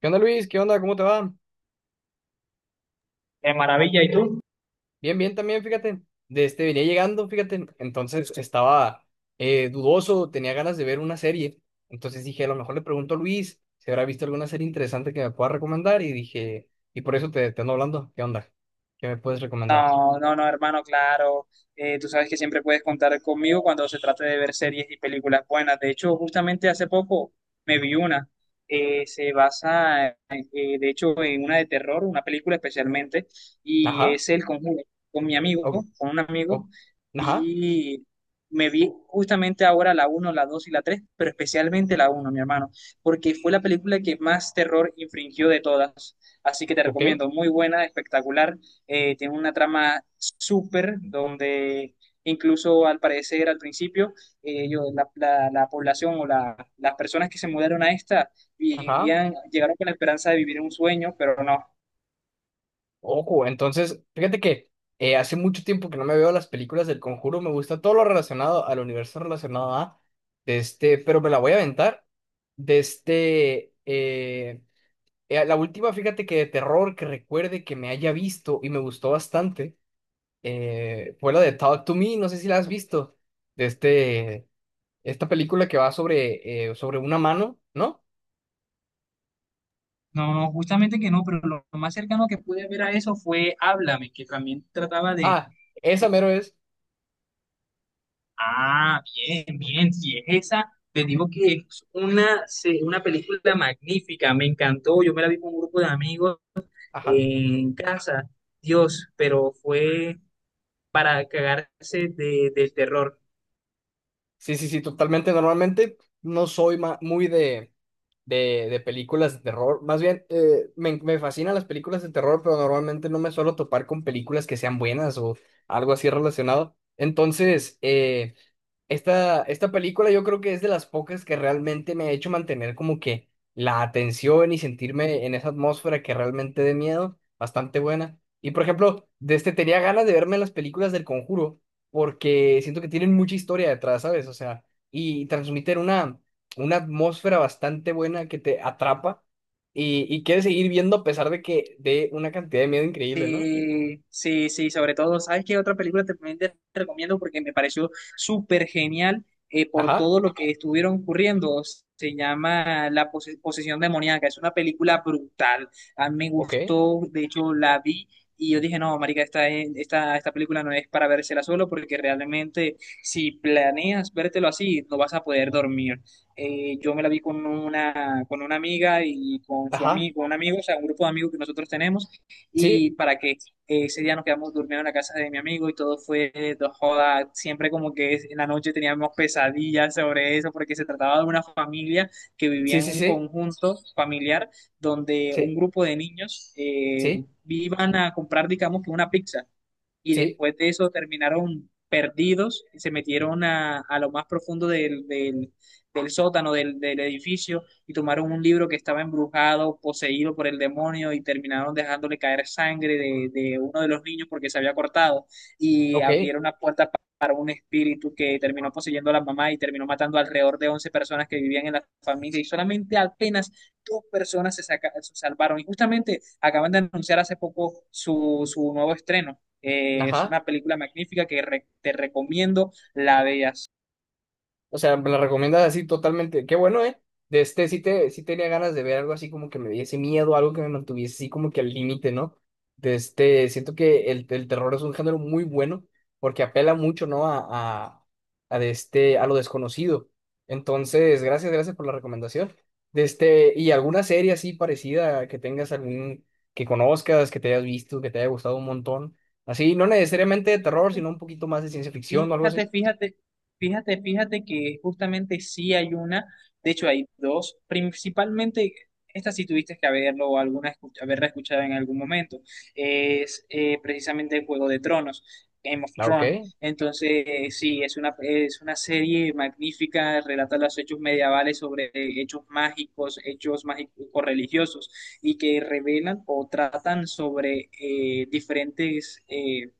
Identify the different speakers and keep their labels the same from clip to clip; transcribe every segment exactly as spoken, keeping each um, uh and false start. Speaker 1: ¿Qué onda, Luis? ¿Qué onda? ¿Cómo te va?
Speaker 2: De maravilla, ¿y tú?
Speaker 1: Bien, bien también, fíjate. De este venía llegando, fíjate. Entonces estaba eh, dudoso, tenía ganas de ver una serie. Entonces dije, a lo mejor le pregunto a Luis si habrá visto alguna serie interesante que me pueda recomendar. Y dije, y por eso te, te ando hablando. ¿Qué onda? ¿Qué me puedes recomendar?
Speaker 2: No, no, no, hermano, claro. Eh, tú sabes que siempre puedes contar conmigo cuando se trate de ver series y películas buenas. De hecho, justamente hace poco me vi una. eh, se basa, en- eh, de hecho, en una de terror, una película especialmente, y
Speaker 1: Ajá.
Speaker 2: es El Conjuro. Con mi amigo,
Speaker 1: o-
Speaker 2: con un amigo,
Speaker 1: o- ajá.
Speaker 2: vi, me vi justamente ahora la uno, la dos y la tres, pero especialmente la uno, mi hermano, porque fue la película que más terror infringió de todas. Así que te
Speaker 1: Ok.
Speaker 2: recomiendo, muy buena, espectacular. Eh, tiene una trama súper donde incluso al parecer al principio eh, ellos- la, la- la población o la- las personas que se mudaron a esta
Speaker 1: Ajá.
Speaker 2: vivían, llegaron con la esperanza de vivir un sueño, pero no.
Speaker 1: Ojo, entonces, fíjate que eh, hace mucho tiempo que no me veo las películas del Conjuro, me gusta todo lo relacionado al universo relacionado a, de este, pero me la voy a aventar. De este, eh, eh, la última, fíjate que de terror que recuerde que me haya visto y me gustó bastante, eh, fue la de Talk to Me, no sé si la has visto, de este, esta película que va sobre, eh, sobre una mano, ¿no?
Speaker 2: No, no, justamente que no, pero lo más cercano que pude ver a eso fue Háblame, que también trataba de...
Speaker 1: Ah, esa
Speaker 2: de-
Speaker 1: mero es,
Speaker 2: Ah, bien, bien, si es esa, te digo que es una, se- una película magnífica, me encantó, yo me la vi con un grupo de amigos
Speaker 1: ajá.
Speaker 2: en casa. Dios, pero fue para cagarse de, del terror.
Speaker 1: Sí, sí, sí, totalmente. Normalmente no soy ma- muy de, de, de películas de terror. Más bien, eh, me, me fascinan las películas de terror, pero normalmente no me suelo topar con películas que sean buenas o algo así relacionado. Entonces, eh, esta, esta película yo creo que es de las pocas que realmente me ha hecho mantener como que la atención y sentirme en esa atmósfera que realmente de miedo, bastante buena. Y por ejemplo, de este tenía ganas de verme las películas del Conjuro porque siento que tienen mucha historia detrás, ¿sabes? O sea, y transmiten una, una atmósfera bastante buena que te atrapa y, y quieres seguir viendo a pesar de que de una cantidad de miedo increíble, ¿no?
Speaker 2: Sí, sí, sí, sobre todo, ¿sabes qué otra película te- también te recomiendo? Porque me pareció súper genial eh, por
Speaker 1: Ajá,
Speaker 2: todo lo que estuvieron ocurriendo. Se llama La pose- posesión demoníaca, es una película brutal. A mí me
Speaker 1: ok,
Speaker 2: gustó, de hecho la vi y yo dije, no, marica, esta, es- esta, esta película no es para vérsela solo porque realmente si planeas vértelo así, no vas a poder dormir. Eh, yo me la vi con una, con una amiga y con su
Speaker 1: ajá,
Speaker 2: amigo, un amigo, o sea, un grupo de amigos que nosotros tenemos.
Speaker 1: sí,
Speaker 2: Y para que eh, ese día nos quedamos durmiendo en la casa de mi amigo y todo fue dos joda. Siempre como que es- en la noche teníamos pesadillas sobre eso porque se trataba de una familia que vivía
Speaker 1: sí,
Speaker 2: en
Speaker 1: sí,
Speaker 2: un
Speaker 1: sí,
Speaker 2: conjunto familiar donde un
Speaker 1: sí,
Speaker 2: grupo de niños eh,
Speaker 1: sí.
Speaker 2: iban a comprar, digamos, que una pizza, y
Speaker 1: Sí,
Speaker 2: después de eso terminaron perdidos, se metieron a, a lo más profundo del, del- del sótano del, del edificio y tomaron un libro que estaba embrujado, poseído por el demonio, y terminaron dejándole caer sangre de, de uno de los niños porque se había cortado, y
Speaker 1: ok,
Speaker 2: abrieron las puertas pa- para un espíritu que terminó poseyendo a la mamá y terminó matando alrededor de once personas que vivían en la familia, y solamente apenas dos personas se, saca- se salvaron. Y justamente acaban de anunciar hace poco su, su nuevo estreno. Eh, es
Speaker 1: ajá.
Speaker 2: una película magnífica que re- te recomiendo. La de
Speaker 1: O sea, me la recomiendas así totalmente. Qué bueno, ¿eh? De este sí, te, sí tenía ganas de ver algo así como que me diese miedo, algo que me mantuviese así como que al límite, ¿no? De este, siento que el, el terror es un género muy bueno porque apela mucho, ¿no? A, a, a de este, a lo desconocido. Entonces, gracias, gracias por la recomendación. De este, y alguna serie así parecida que tengas algún, que conozcas, que te hayas visto, que te haya gustado un montón. Así, no necesariamente de terror, sino un poquito más de ciencia ficción o algo
Speaker 2: Fíjate,
Speaker 1: así.
Speaker 2: fíjate, fíjate, fíjate que justamente sí hay una, de hecho hay dos, principalmente. Esta sí tuviste que haberlo o alguna escu- haberla escuchado en algún momento. Es eh, precisamente el Juego de Tronos, Game of
Speaker 1: Ah, ok.
Speaker 2: Thrones. Entonces, eh, sí, es una, es una, serie magnífica, relata los hechos medievales sobre eh, hechos mágicos, hechos mágicos religiosos, y que revelan o tratan sobre eh, diferentes, eh,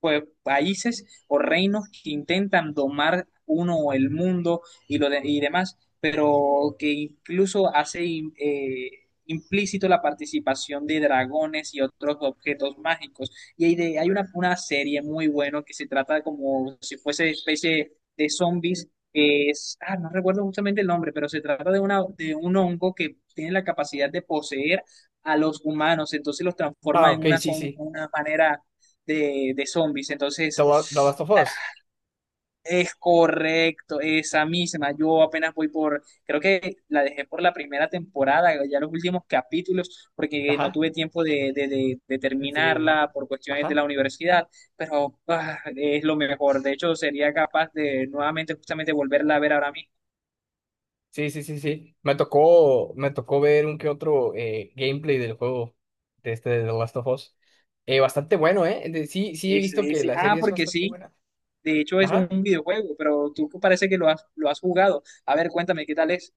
Speaker 2: pues, países o reinos que intentan domar uno o el mundo y, lo de- y demás, pero que incluso hace im- eh, implícito la participación de dragones y otros objetos mágicos. Y hay, de- hay una, una serie muy buena que se trata como si fuese especie de zombies. Que Es, ah, no recuerdo justamente el nombre, pero se trata de, una, de un hongo que tiene la capacidad de poseer a los humanos, entonces los
Speaker 1: Ah,
Speaker 2: transforma en
Speaker 1: ok,
Speaker 2: una,
Speaker 1: sí,
Speaker 2: zon-
Speaker 1: sí.
Speaker 2: una manera de, de zombies.
Speaker 1: The
Speaker 2: Entonces,
Speaker 1: La- The Last of Us.
Speaker 2: es correcto, esa misma. Yo apenas voy por, creo que la dejé por la primera temporada, ya los últimos capítulos, porque no
Speaker 1: Ajá.
Speaker 2: tuve tiempo de, de- de- de
Speaker 1: De seguir viendo.
Speaker 2: terminarla por cuestiones de
Speaker 1: Ajá.
Speaker 2: la universidad, pero ah, es lo mejor. De hecho, sería capaz de nuevamente justamente volverla a ver ahora mismo.
Speaker 1: Sí, sí, sí, sí. Me tocó, me tocó ver un que otro eh, gameplay del juego de este de The Last of Us. Eh, bastante bueno, ¿eh? De- sí, sí he
Speaker 2: Ese,
Speaker 1: visto que
Speaker 2: ese-
Speaker 1: la
Speaker 2: Ah,
Speaker 1: serie es
Speaker 2: porque
Speaker 1: bastante
Speaker 2: sí.
Speaker 1: buena.
Speaker 2: De hecho, es
Speaker 1: Ajá.
Speaker 2: un videojuego, pero tú parece que lo has, lo has jugado. A ver, cuéntame, ¿qué tal es?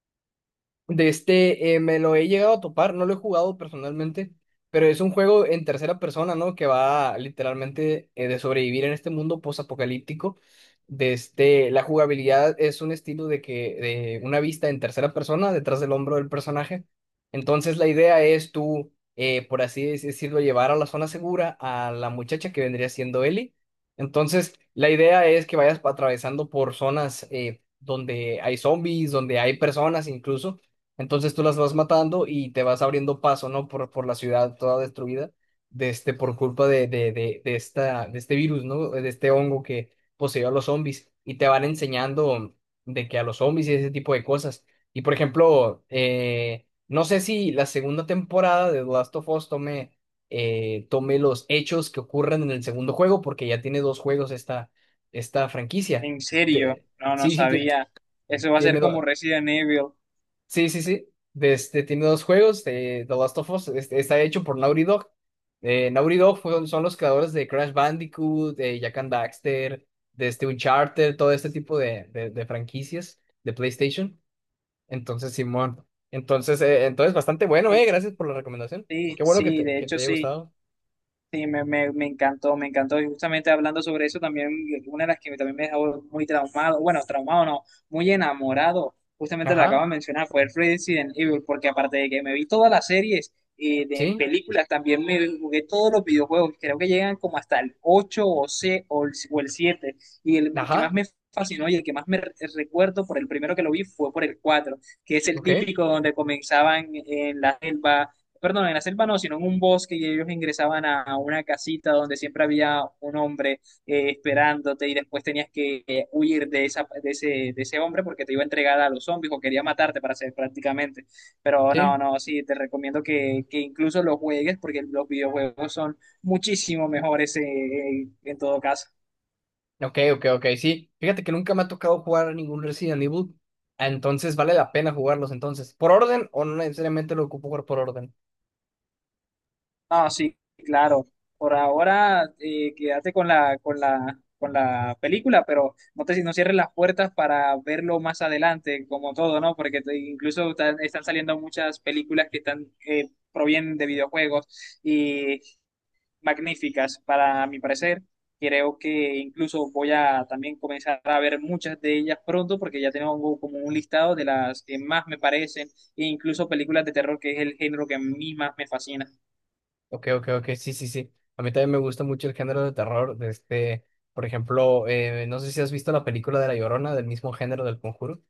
Speaker 1: De este, eh, me lo he llegado a topar, no lo he jugado personalmente, pero es un juego en tercera persona, ¿no? Que va literalmente eh, de sobrevivir en este mundo post-apocalíptico. De este, la jugabilidad es un estilo de que, de una vista en tercera persona, detrás del hombro del personaje. Entonces la idea es tú, eh, por así dec- decirlo, llevar a la zona segura a la muchacha que vendría siendo Ellie. Entonces la idea es que vayas pa- atravesando por zonas eh, donde hay zombies, donde hay personas incluso entonces tú las vas matando y te vas abriendo paso, ¿no? Por, por la ciudad toda destruida, de este, por culpa de, de, de, de esta, de este virus, ¿no? De este hongo que poseyó a los zombies. Y te van enseñando de que a los zombies y ese tipo de cosas. Y por ejemplo, eh, no sé si la segunda temporada de The Last of Us tome, eh, tome los hechos que ocurren en el segundo juego, porque ya tiene dos juegos esta, esta franquicia.
Speaker 2: En serio,
Speaker 1: Te-
Speaker 2: no, no
Speaker 1: sí, sí, ti-
Speaker 2: sabía. Eso va a
Speaker 1: tiene
Speaker 2: ser como
Speaker 1: dos.
Speaker 2: Resident Evil.
Speaker 1: Sí, sí, sí. De este, tiene dos juegos de The Last of Us. Este, está hecho por Naughty Dog. Eh, Naughty Dog fueron- son los creadores de Crash Bandicoot, de Jak and Daxter, de este Uncharted, todo este tipo de, de, de franquicias de PlayStation. Entonces, Simón. Entonces, eh, entonces bastante bueno,
Speaker 2: De
Speaker 1: eh.
Speaker 2: hecho,
Speaker 1: Gracias por la recomendación.
Speaker 2: sí,
Speaker 1: Qué bueno que
Speaker 2: sí,
Speaker 1: te,
Speaker 2: de
Speaker 1: que
Speaker 2: hecho
Speaker 1: te haya
Speaker 2: sí.
Speaker 1: gustado.
Speaker 2: Sí, me, me, me encantó, me encantó. Y justamente hablando sobre eso, también una de las que también me dejó muy traumado, bueno, traumado no, muy enamorado, justamente la acabo
Speaker 1: Ajá,
Speaker 2: de mencionar, fue Resident Evil, porque aparte de que me vi todas las series eh, de
Speaker 1: sí,
Speaker 2: películas, también me jugué todos los videojuegos. Creo que llegan como hasta el ocho o, C, o, el, o el siete, y el que más
Speaker 1: ajá,
Speaker 2: me fascinó y el que más me re- recuerdo por el primero que lo vi fue por el cuatro, que es el
Speaker 1: ok,
Speaker 2: típico donde comenzaban en la selva, perdón, en la selva no, sino en un bosque, y ellos ingresaban a una casita donde siempre había un hombre eh, esperándote, y después tenías que eh, huir de, esa, de, ese, de ese hombre porque te iba a entregar a los zombies o quería matarte para hacer prácticamente. Pero no,
Speaker 1: sí.
Speaker 2: no, sí, te recomiendo que, que incluso los juegues porque los videojuegos son muchísimo mejores eh, en todo caso.
Speaker 1: Ok, ok, ok, sí. Fíjate que nunca me ha tocado jugar a ningún Resident Evil. Entonces vale la pena jugarlos entonces. ¿Por orden o no necesariamente lo ocupo jugar por orden?
Speaker 2: No, sí, claro. Por ahora, eh, quédate con la, con la, con la película, pero no te, no cierres las puertas para verlo más adelante, como todo, ¿no? Porque te- incluso están, están saliendo muchas películas que están eh, provienen de videojuegos, y magníficas, para mi parecer. Creo que incluso voy a también comenzar a ver muchas de ellas pronto, porque ya tengo como un listado de las que más me parecen, e incluso películas de terror, que es el género que a mí más me fascina.
Speaker 1: Ok, ok, ok, sí, sí, sí. A mí también me gusta mucho el género de terror. De este, por ejemplo, eh, no sé si has visto la película de La Llorona del mismo género del Conjuro.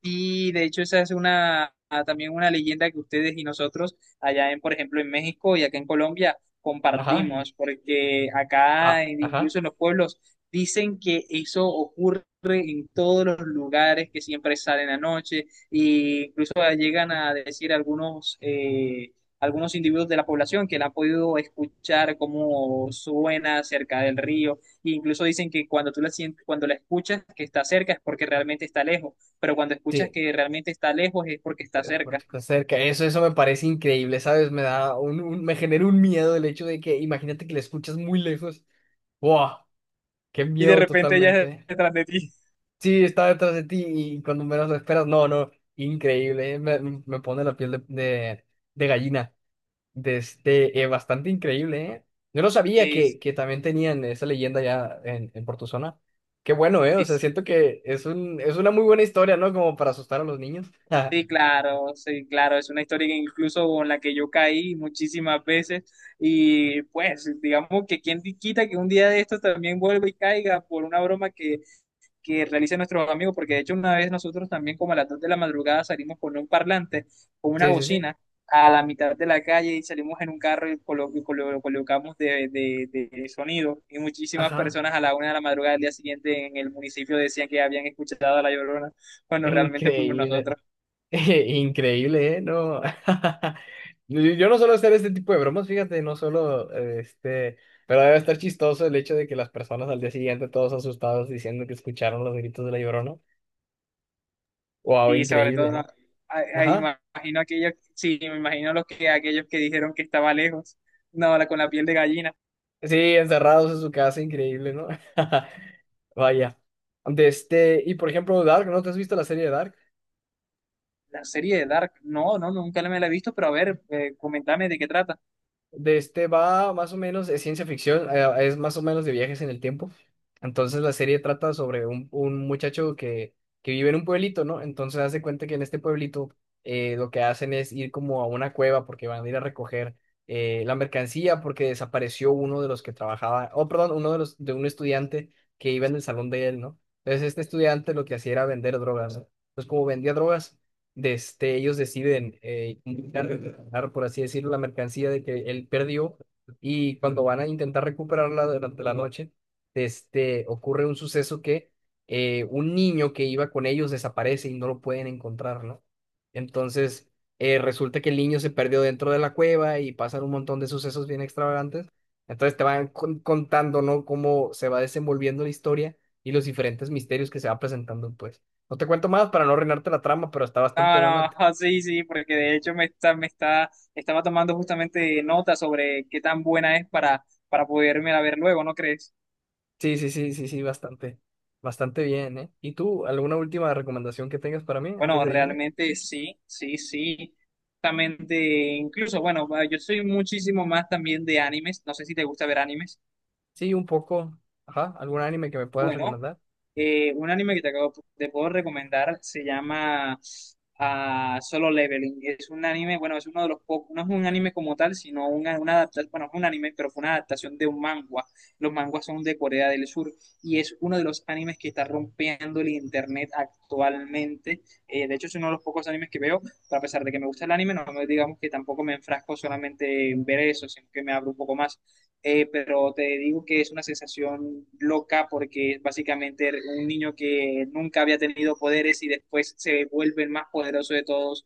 Speaker 2: Y de hecho esa es una ah, también una leyenda que ustedes y nosotros allá en, por ejemplo, en México y acá en Colombia
Speaker 1: Ajá,
Speaker 2: compartimos, porque
Speaker 1: ah,
Speaker 2: acá en-
Speaker 1: ajá.
Speaker 2: incluso en los pueblos dicen que eso ocurre en todos los lugares, que siempre salen a noche, e incluso llegan a decir algunos eh, algunos individuos de la población que la han podido escuchar cómo suena cerca del río, e incluso dicen que cuando tú la sientes, cuando la escuchas que está cerca es porque realmente está lejos, pero cuando escuchas
Speaker 1: Sí,
Speaker 2: que realmente está lejos es porque está
Speaker 1: eh, porque
Speaker 2: cerca.
Speaker 1: está cerca. Eso, eso me parece increíble, ¿sabes? Me da un, un- me genera un miedo el hecho de que imagínate que la escuchas muy lejos. ¡Wow! ¡Qué
Speaker 2: Y de
Speaker 1: miedo
Speaker 2: repente ella es
Speaker 1: totalmente!
Speaker 2: detrás de ti.
Speaker 1: Sí, está detrás de ti y cuando menos lo esperas, no, no, increíble, eh, Me, mm, me pone la piel de, de, de gallina. De este, eh, bastante increíble, ¿eh? Yo no sabía
Speaker 2: Sí,
Speaker 1: que, que también tenían esa leyenda ya en, en por tu zona. Qué bueno, ¿eh? O sea,
Speaker 2: sí,
Speaker 1: siento que es un, es una muy buena historia, ¿no? Como para asustar a los niños.
Speaker 2: sí, claro, sí, claro, es una historia que incluso con la que yo caí muchísimas veces, y pues digamos que quien quita que un día de estos también vuelva y caiga por una broma que que realizan nuestros amigos. Porque de hecho una vez nosotros también como a las dos de la madrugada salimos con un parlante, con una
Speaker 1: Sí, sí, sí.
Speaker 2: bocina, a la mitad de la calle, y salimos en un carro y, colo- y colo- lo colocamos de, de- de sonido. Y muchísimas
Speaker 1: Ajá.
Speaker 2: personas a la una de la madrugada del día siguiente en el municipio decían que habían escuchado a La Llorona cuando realmente fuimos
Speaker 1: Increíble.
Speaker 2: nosotros.
Speaker 1: Increíble, ¿eh? No. Yo yo no suelo hacer este tipo de bromas, fíjate, no solo eh, este, pero debe estar chistoso el hecho de que las personas al día siguiente todos asustados diciendo que escucharon los gritos de la Llorona. Wow,
Speaker 2: Y sobre
Speaker 1: increíble.
Speaker 2: todo,
Speaker 1: ¿Eh?
Speaker 2: a- a-
Speaker 1: Ajá.
Speaker 2: imagino aquellos, sí, me imagino los que, aquellos que dijeron que estaba lejos, no, la- con la piel de gallina.
Speaker 1: Sí, encerrados en su casa, increíble, ¿no? Vaya. De este, y por ejemplo, Dark, ¿no te has visto la serie de Dark?
Speaker 2: La serie de Dark, no, no, nunca me la he visto, pero a ver, eh, comentame de qué trata.
Speaker 1: De este va más o menos, es ciencia ficción, eh, es más o menos de viajes en el tiempo. Entonces la serie trata sobre un, un muchacho que, que vive en un pueblito, ¿no? Entonces hace cuenta que en este pueblito eh, lo que hacen es ir como a una cueva porque van a ir a recoger eh, la mercancía porque desapareció uno de los que trabajaba, oh, perdón, uno de los de un estudiante que iba en el salón de él, ¿no? Entonces este estudiante lo que hacía era vender drogas, ¿no? Entonces como vendía drogas de este, ellos deciden eh, intentar recuperar, por así decirlo, la mercancía de que él perdió y cuando van a intentar recuperarla durante la noche, este, ocurre un suceso que eh, un niño que iba con ellos desaparece y no lo pueden encontrar, ¿no? Entonces, eh, resulta que el niño se perdió dentro de la cueva y pasan un montón de sucesos bien extravagantes. Entonces te van con- contando, ¿no? Cómo se va desenvolviendo la historia y los diferentes misterios que se va presentando, pues. No te cuento más para no arruinarte la trama, pero está
Speaker 2: No,
Speaker 1: bastante
Speaker 2: no,
Speaker 1: buena.
Speaker 2: ah, sí, sí, porque de hecho me está, me está, estaba tomando justamente nota sobre qué tan buena es para, para poderme la ver luego, ¿no crees?
Speaker 1: Sí, sí, sí, sí, sí, bastante. Bastante bien, ¿eh? ¿Y tú, alguna última recomendación que tengas para mí antes
Speaker 2: Bueno,
Speaker 1: de irme?
Speaker 2: realmente sí, sí, sí. Justamente, incluso, bueno, yo soy muchísimo más también de animes, no sé si te gusta ver animes.
Speaker 1: Sí, un poco. Ajá, ¿algún anime que me puedas
Speaker 2: Bueno,
Speaker 1: recomendar?
Speaker 2: Eh, un anime que te acabo de puedo recomendar se llama ah, Solo Leveling. Es un anime, bueno, es uno de los pocos, no es un anime como tal, sino una, una adaptación, bueno, no es un anime, pero fue una adaptación de un manga. Los manguas son de Corea del Sur y es uno de los animes que está rompiendo el internet actualmente. Eh, de hecho, es uno de los pocos animes que veo, pero a pesar de que me gusta el anime, no me digamos que tampoco me enfrasco solamente en ver eso, sino que me abro un poco más eh, pero te digo que es una sensación loca porque es básicamente un niño que nunca había tenido poderes y después se vuelve el más poderoso de todos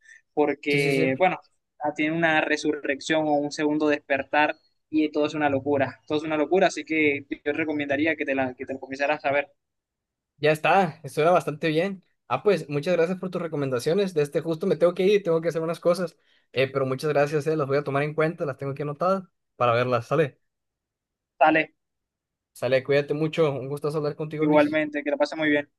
Speaker 1: Sí, sí, sí.
Speaker 2: porque, bueno, ah, tiene una resurrección o un segundo despertar, y todo es una locura, todo es una locura, así que yo recomendaría que te la, que te la comenzaras a ver.
Speaker 1: Ya está, estuvo bastante bien. Ah, pues muchas gracias por tus recomendaciones. De este justo me tengo que ir, tengo que hacer unas cosas. Eh, pero muchas gracias, eh, las voy a tomar en cuenta, las tengo aquí anotadas para verlas. Sale,
Speaker 2: Dale,
Speaker 1: sale, cuídate mucho. Un gusto hablar contigo, Luis.
Speaker 2: igualmente, que la pases muy bien.